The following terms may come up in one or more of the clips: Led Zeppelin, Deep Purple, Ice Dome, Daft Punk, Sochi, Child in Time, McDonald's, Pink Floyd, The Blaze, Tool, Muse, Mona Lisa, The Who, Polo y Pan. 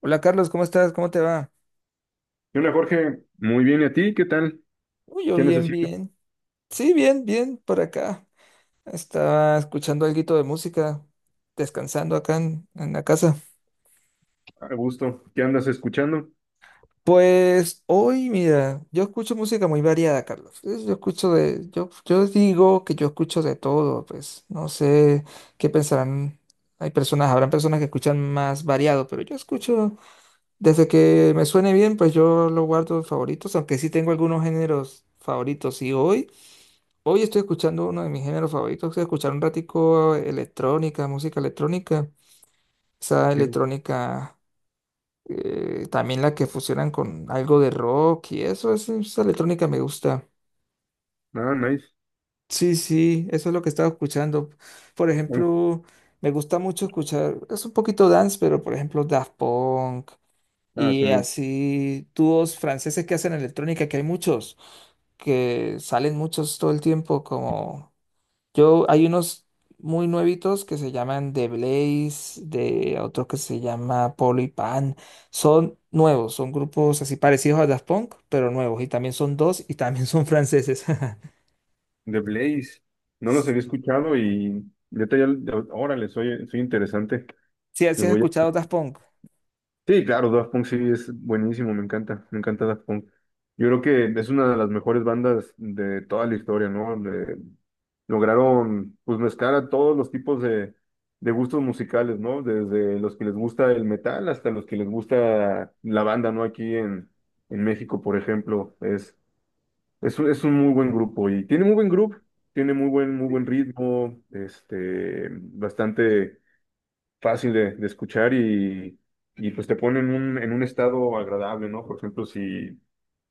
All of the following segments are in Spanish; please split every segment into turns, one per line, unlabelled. Hola Carlos, ¿cómo estás? ¿Cómo te va?
¿Qué onda, Jorge? Muy bien, ¿y a ti? ¿Qué tal?
Uy, yo
¿Qué
bien,
necesitas?
bien. Sí, bien, bien, por acá. Estaba escuchando alguito de música, descansando acá en la casa.
A gusto. ¿Qué andas escuchando?
Pues hoy, mira, yo escucho música muy variada, Carlos. Yo escucho yo digo que yo escucho de todo, pues no sé qué pensarán. Hay personas, habrán personas que escuchan más variado, pero yo escucho desde que me suene bien, pues yo lo guardo en favoritos, aunque sí tengo algunos géneros favoritos. Y hoy estoy escuchando uno de mis géneros favoritos. Estoy escuchando un ratico electrónica, música electrónica. Esa
Chido.
electrónica, también la que fusionan con algo de rock y eso, esa electrónica me gusta.
Ah, nice.
Sí, sí, eso es lo que estaba escuchando. Por
Bueno,
ejemplo, me gusta mucho escuchar, es un poquito dance, pero por ejemplo Daft Punk
ah, su
y
mu-
así dúos franceses que hacen electrónica, que hay muchos, que salen muchos todo el tiempo como... Hay unos muy nuevitos que se llaman The Blaze, de otro que se llama Polo y Pan. Son nuevos, son grupos así parecidos a Daft Punk, pero nuevos. Y también son dos y también son franceses.
The Blaze. No los había escuchado y neta, órale, soy interesante.
Si has
Los voy a-
escuchado Daft Punk,
Sí, claro, Daft Punk sí es buenísimo, me encanta Daft Punk. Yo creo que es una de las mejores bandas de toda la historia, ¿no? Lograron pues mezclar a todos los tipos de gustos musicales, ¿no? Desde los que les gusta el metal hasta los que les gusta la banda, ¿no? Aquí en México, por ejemplo, es un muy buen grupo y tiene muy buen grupo, tiene muy buen ritmo, este, bastante fácil de escuchar y pues te pone en un estado agradable, ¿no? Por ejemplo, si...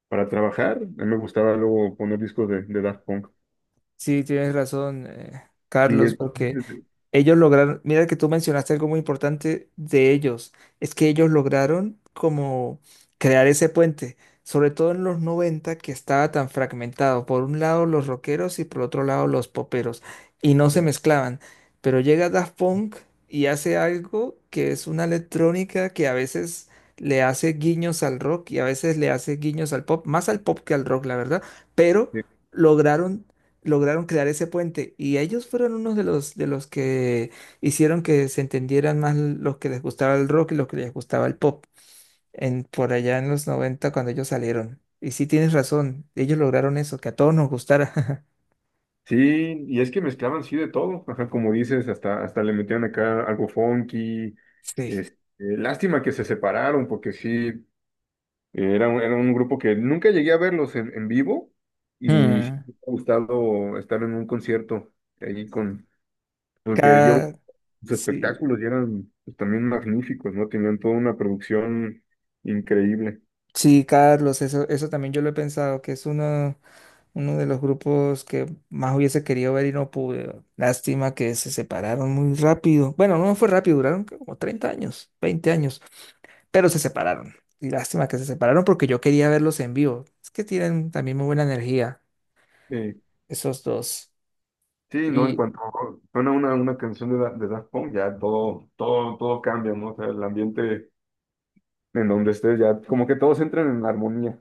Para trabajar, a mí me gustaba luego poner discos de Daft Punk.
sí, tienes razón,
Y
Carlos,
es-
porque ellos lograron, mira que tú mencionaste algo muy importante de ellos, es que ellos lograron como crear ese puente, sobre todo en los 90 que estaba tan fragmentado, por un lado los rockeros y por otro lado los poperos, y no se mezclaban, pero llega Daft Punk y hace algo que es una electrónica que a veces le hace guiños al rock y a veces le hace guiños al pop, más al pop que al rock, la verdad, pero lograron lograron crear ese puente y ellos fueron unos de los que hicieron que se entendieran más los que les gustaba el rock y los que les gustaba el pop en por allá en los 90 cuando ellos salieron. Y sí tienes razón, ellos lograron eso, que a todos nos gustara.
Sí, y es que mezclaban sí de todo, ajá, como dices, hasta, hasta le metían acá algo funky,
Sí.
este, lástima que se separaron, porque sí, era un grupo que nunca llegué a verlos en vivo, y sí
Hmm.
me ha gustado estar en un concierto ahí con, porque yo
Cada,
sus espectáculos y eran pues, también magníficos, ¿no? Tenían toda una producción increíble.
Sí, Carlos, eso también yo lo he pensado, que es uno, uno de los grupos que más hubiese querido ver y no pude. Lástima que se separaron muy rápido. Bueno, no fue rápido, duraron creo como 30 años, 20 años, pero se separaron. Y lástima que se separaron porque yo quería verlos en vivo. Es que tienen también muy buena energía,
Eh,
esos dos.
sí, ¿no? En cuanto suena una canción de Daft Punk, ya todo, todo, todo cambia, ¿no? O sea, el ambiente en donde estés ya, como que todos entran en armonía.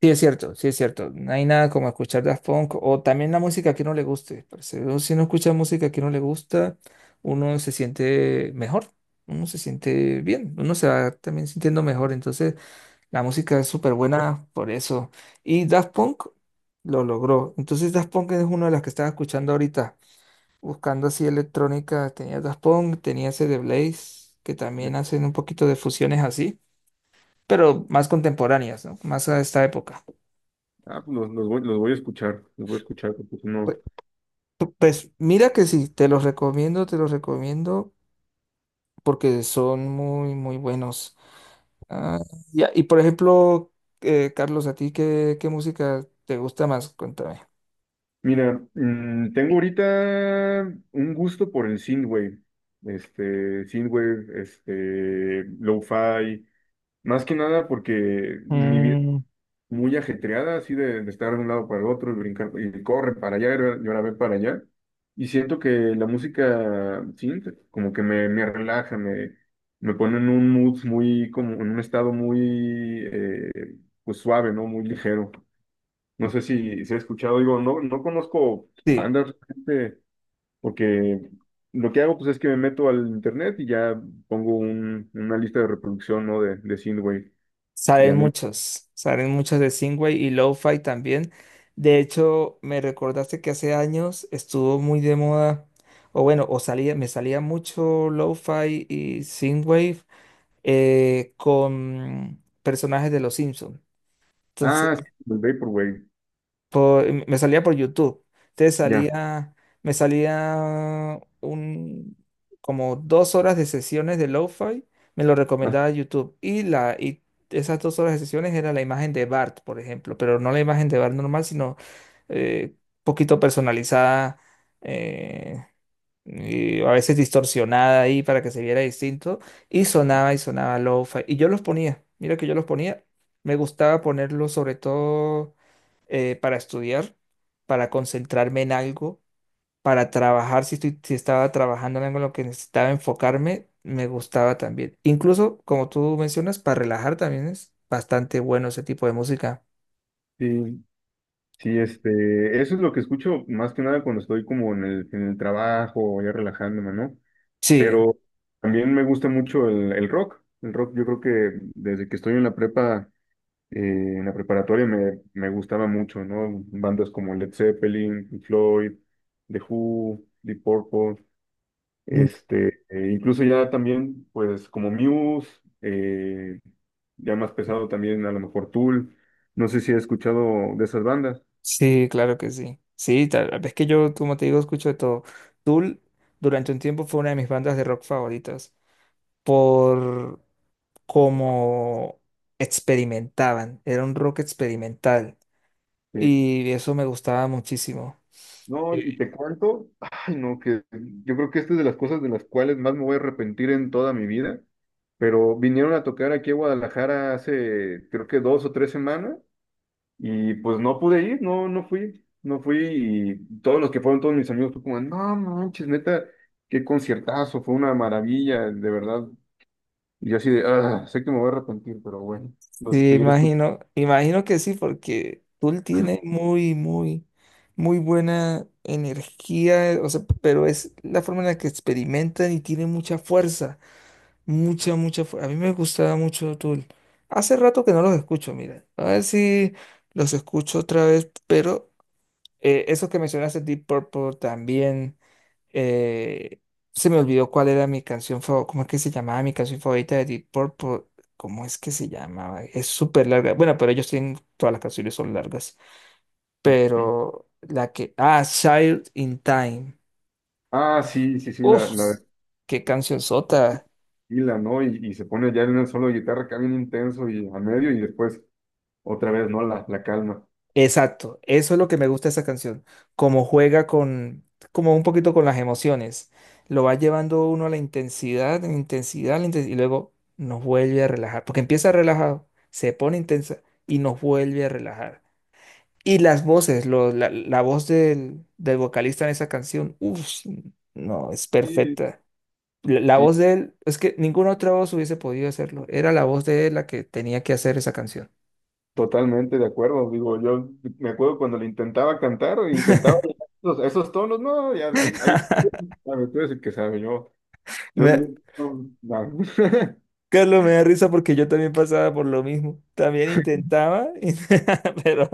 Sí, es cierto, sí, es cierto. No hay nada como escuchar Daft Punk o también la música que no le guste, parce. Uno, si uno escucha música que no le gusta, uno se siente mejor, uno se siente bien, uno se va también sintiendo mejor. Entonces, la música es súper buena por eso. Y Daft Punk lo logró. Entonces, Daft Punk es una de las que estaba escuchando ahorita, buscando así electrónica. Tenía Daft Punk, tenía ese de Blaze, que también hacen un poquito de fusiones así, pero más contemporáneas, ¿no? Más a esta época.
Ah, pues los voy a escuchar, los voy a escuchar, porque pues no.
Pues mira que sí, te los recomiendo porque son muy, muy buenos. Ah, ya, y por ejemplo, Carlos, ¿a ti qué música te gusta más? Cuéntame.
Mira, tengo ahorita un gusto por el synthwave, este, lo-fi, más que nada porque mi vida
Mm,
muy ajetreada, así de estar de un lado para el otro y brincar, y corre para allá, y ahora ve para allá. Y siento que la música synth como que me relaja, me pone en un mood muy, como en un estado muy, pues suave, ¿no? Muy ligero. No sé si, si he escuchado, digo, no, no conozco
sí,
bandas, realmente, porque lo que hago pues es que me meto al internet y ya una lista de reproducción, ¿no? De Synthwave. Ya no.
salen muchas de Singway y Lo-Fi también. De hecho, me recordaste que hace años estuvo muy de moda, o bueno, me salía mucho Lo-Fi y Synthwave con personajes de los Simpsons.
Ah, sí, el Vaporwave.
Me salía por YouTube. Entonces
Ya.
salía, me salía como 2 horas de sesiones de lo-fi, me lo recomendaba YouTube. Y esas 2 horas de sesiones era la imagen de Bart, por ejemplo, pero no la imagen de Bart normal, sino eh, poquito personalizada. eh, y a veces distorsionada ahí para que se viera distinto, y sonaba lo-fi, y yo los ponía, mira que yo los ponía, me gustaba ponerlos sobre todo para estudiar, para concentrarme en algo, para trabajar, si estaba trabajando en algo en lo que necesitaba enfocarme, me gustaba también. Incluso, como tú mencionas, para relajar también es bastante bueno ese tipo de música.
Sí, sí, este, eso es lo que escucho más que nada cuando estoy como en el trabajo, ya relajándome, ¿no?
Sí.
Pero también me gusta mucho el rock. El rock, yo creo que desde que estoy en la prepa, eh, en la preparatoria me, me gustaba mucho, ¿no? Bandas como Led Zeppelin, Pink Floyd, The Who, Deep Purple, este, e incluso ya también, pues como Muse, eh, ya más pesado también a lo mejor Tool. No sé si has escuchado de esas bandas.
Sí, claro que sí. Sí, tal vez que yo, como te digo, escucho de todo. Tool durante un tiempo fue una de mis bandas de rock favoritas por cómo experimentaban. Era un rock experimental
Sí.
y eso me gustaba muchísimo.
No,
Sí.
y te cuento, ay, no, que yo creo que esta es de las cosas de las cuales más me voy a arrepentir en toda mi vida, pero vinieron a tocar aquí a Guadalajara hace, creo que dos o tres semanas, y pues no pude ir, no, no fui, no fui, y todos los que fueron, todos mis amigos, fue como, no manches, neta, qué conciertazo, fue una maravilla, de verdad, y yo así de, ah, sé que me voy a arrepentir, pero bueno, los
Sí,
seguiré escuchando.
imagino, imagino que sí, porque Tool tiene muy, muy, muy buena energía, o sea, pero es la forma en la que experimentan y tiene mucha fuerza. Mucha, mucha. A mí me gustaba mucho Tool. Hace rato que no los escucho, mira. A ver si los escucho otra vez, pero esos que mencionaste, Deep Purple, también, eh, se me olvidó cuál era mi canción favorita, cómo es que se llamaba mi canción favorita de Deep Purple. ¿Cómo es que se llamaba? Es súper larga. Bueno, pero ellos tienen, todas las canciones son largas. Pero la que, ah, Child in Time.
Ah, sí, sí, sí, la,
Uf,
la
qué canción sota.
y la, ¿no? Y se pone ya en un solo de guitarra acá bien intenso y a medio y después otra vez, ¿no? La calma.
Exacto, eso es lo que me gusta de esa canción, como juega con, como un poquito con las emociones, lo va llevando uno a la intensidad, la intensidad, la intensidad, y luego nos vuelve a relajar, porque empieza relajado, se pone intensa y nos vuelve a relajar. Y las voces, la voz del, del vocalista en esa canción, uff, no, es
Sí,
perfecta. La
sí,
voz de él, es que ninguna otra voz hubiese podido hacerlo, era la voz de él la que tenía que hacer esa canción.
totalmente de acuerdo. Digo, yo me acuerdo cuando le intentaba cantar, intentaba esos, esos tonos, no, ya, ahí, ahí, sabe, tú eres el que sabe, yo,
Me,
no, no.
Carlos, me da risa porque yo también pasaba por lo mismo. También intentaba, pero,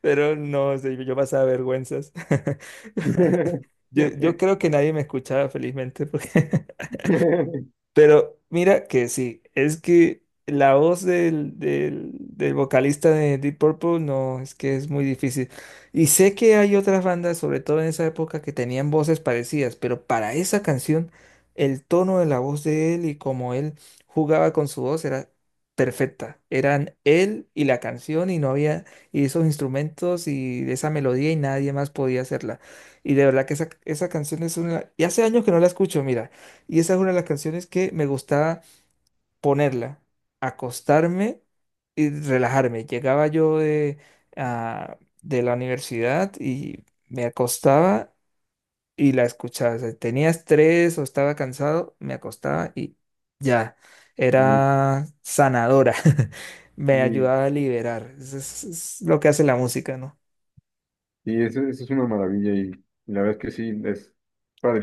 pero no sé, yo pasaba vergüenzas. Yo creo que nadie me escuchaba felizmente porque Pero mira que sí, es que la voz del vocalista de Deep Purple no, es que es muy difícil. Y sé que hay otras bandas, sobre todo en esa época, que tenían voces parecidas, pero para esa canción, el tono de la voz de él y cómo él jugaba con su voz era perfecta. Eran él y la canción y no había, y esos instrumentos y esa melodía y nadie más podía hacerla. Y de verdad que esa canción es una... Y hace años que no la escucho, mira. Y esa es una de las canciones que me gustaba ponerla, acostarme y relajarme. Llegaba yo de, ah, de la universidad y me acostaba y la escuchaba. O sea, tenía estrés o estaba cansado, me acostaba y ya.
Y,
Era sanadora. Me
y,
ayudaba a liberar. Eso es lo que hace la música, ¿no?
y eso, eso es una maravilla y la verdad es que sí, es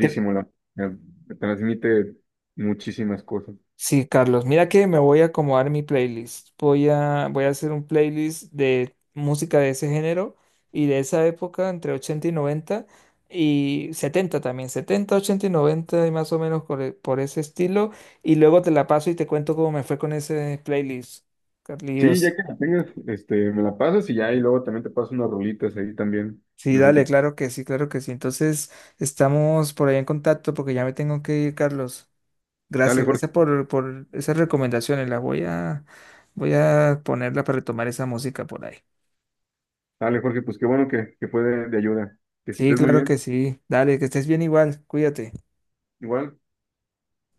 Cre-
la, me me transmite muchísimas cosas.
Sí, Carlos, mira que me voy a acomodar mi playlist. Voy a hacer un playlist de música de ese género y de esa época, entre 80 y 90 y 70 también, 70 80 y 90 y más o menos por ese estilo. Y luego te la paso y te cuento cómo me fue con ese playlist,
Sí, ya
Carlos.
que la tengas, este, me la pasas y ya, y luego también te paso unas rolitas ahí también.
Sí,
Mejor
dale,
que...
claro que sí, claro que sí. Entonces estamos por ahí en contacto porque ya me tengo que ir, Carlos.
Dale,
Gracias,
Jorge.
gracias por esas recomendaciones. Las voy a ponerla para retomar esa música por ahí.
Dale, Jorge, pues qué bueno que fue de ayuda. Que
Sí,
estés muy
claro
bien.
que sí. Dale, que estés bien igual. Cuídate.
Igual.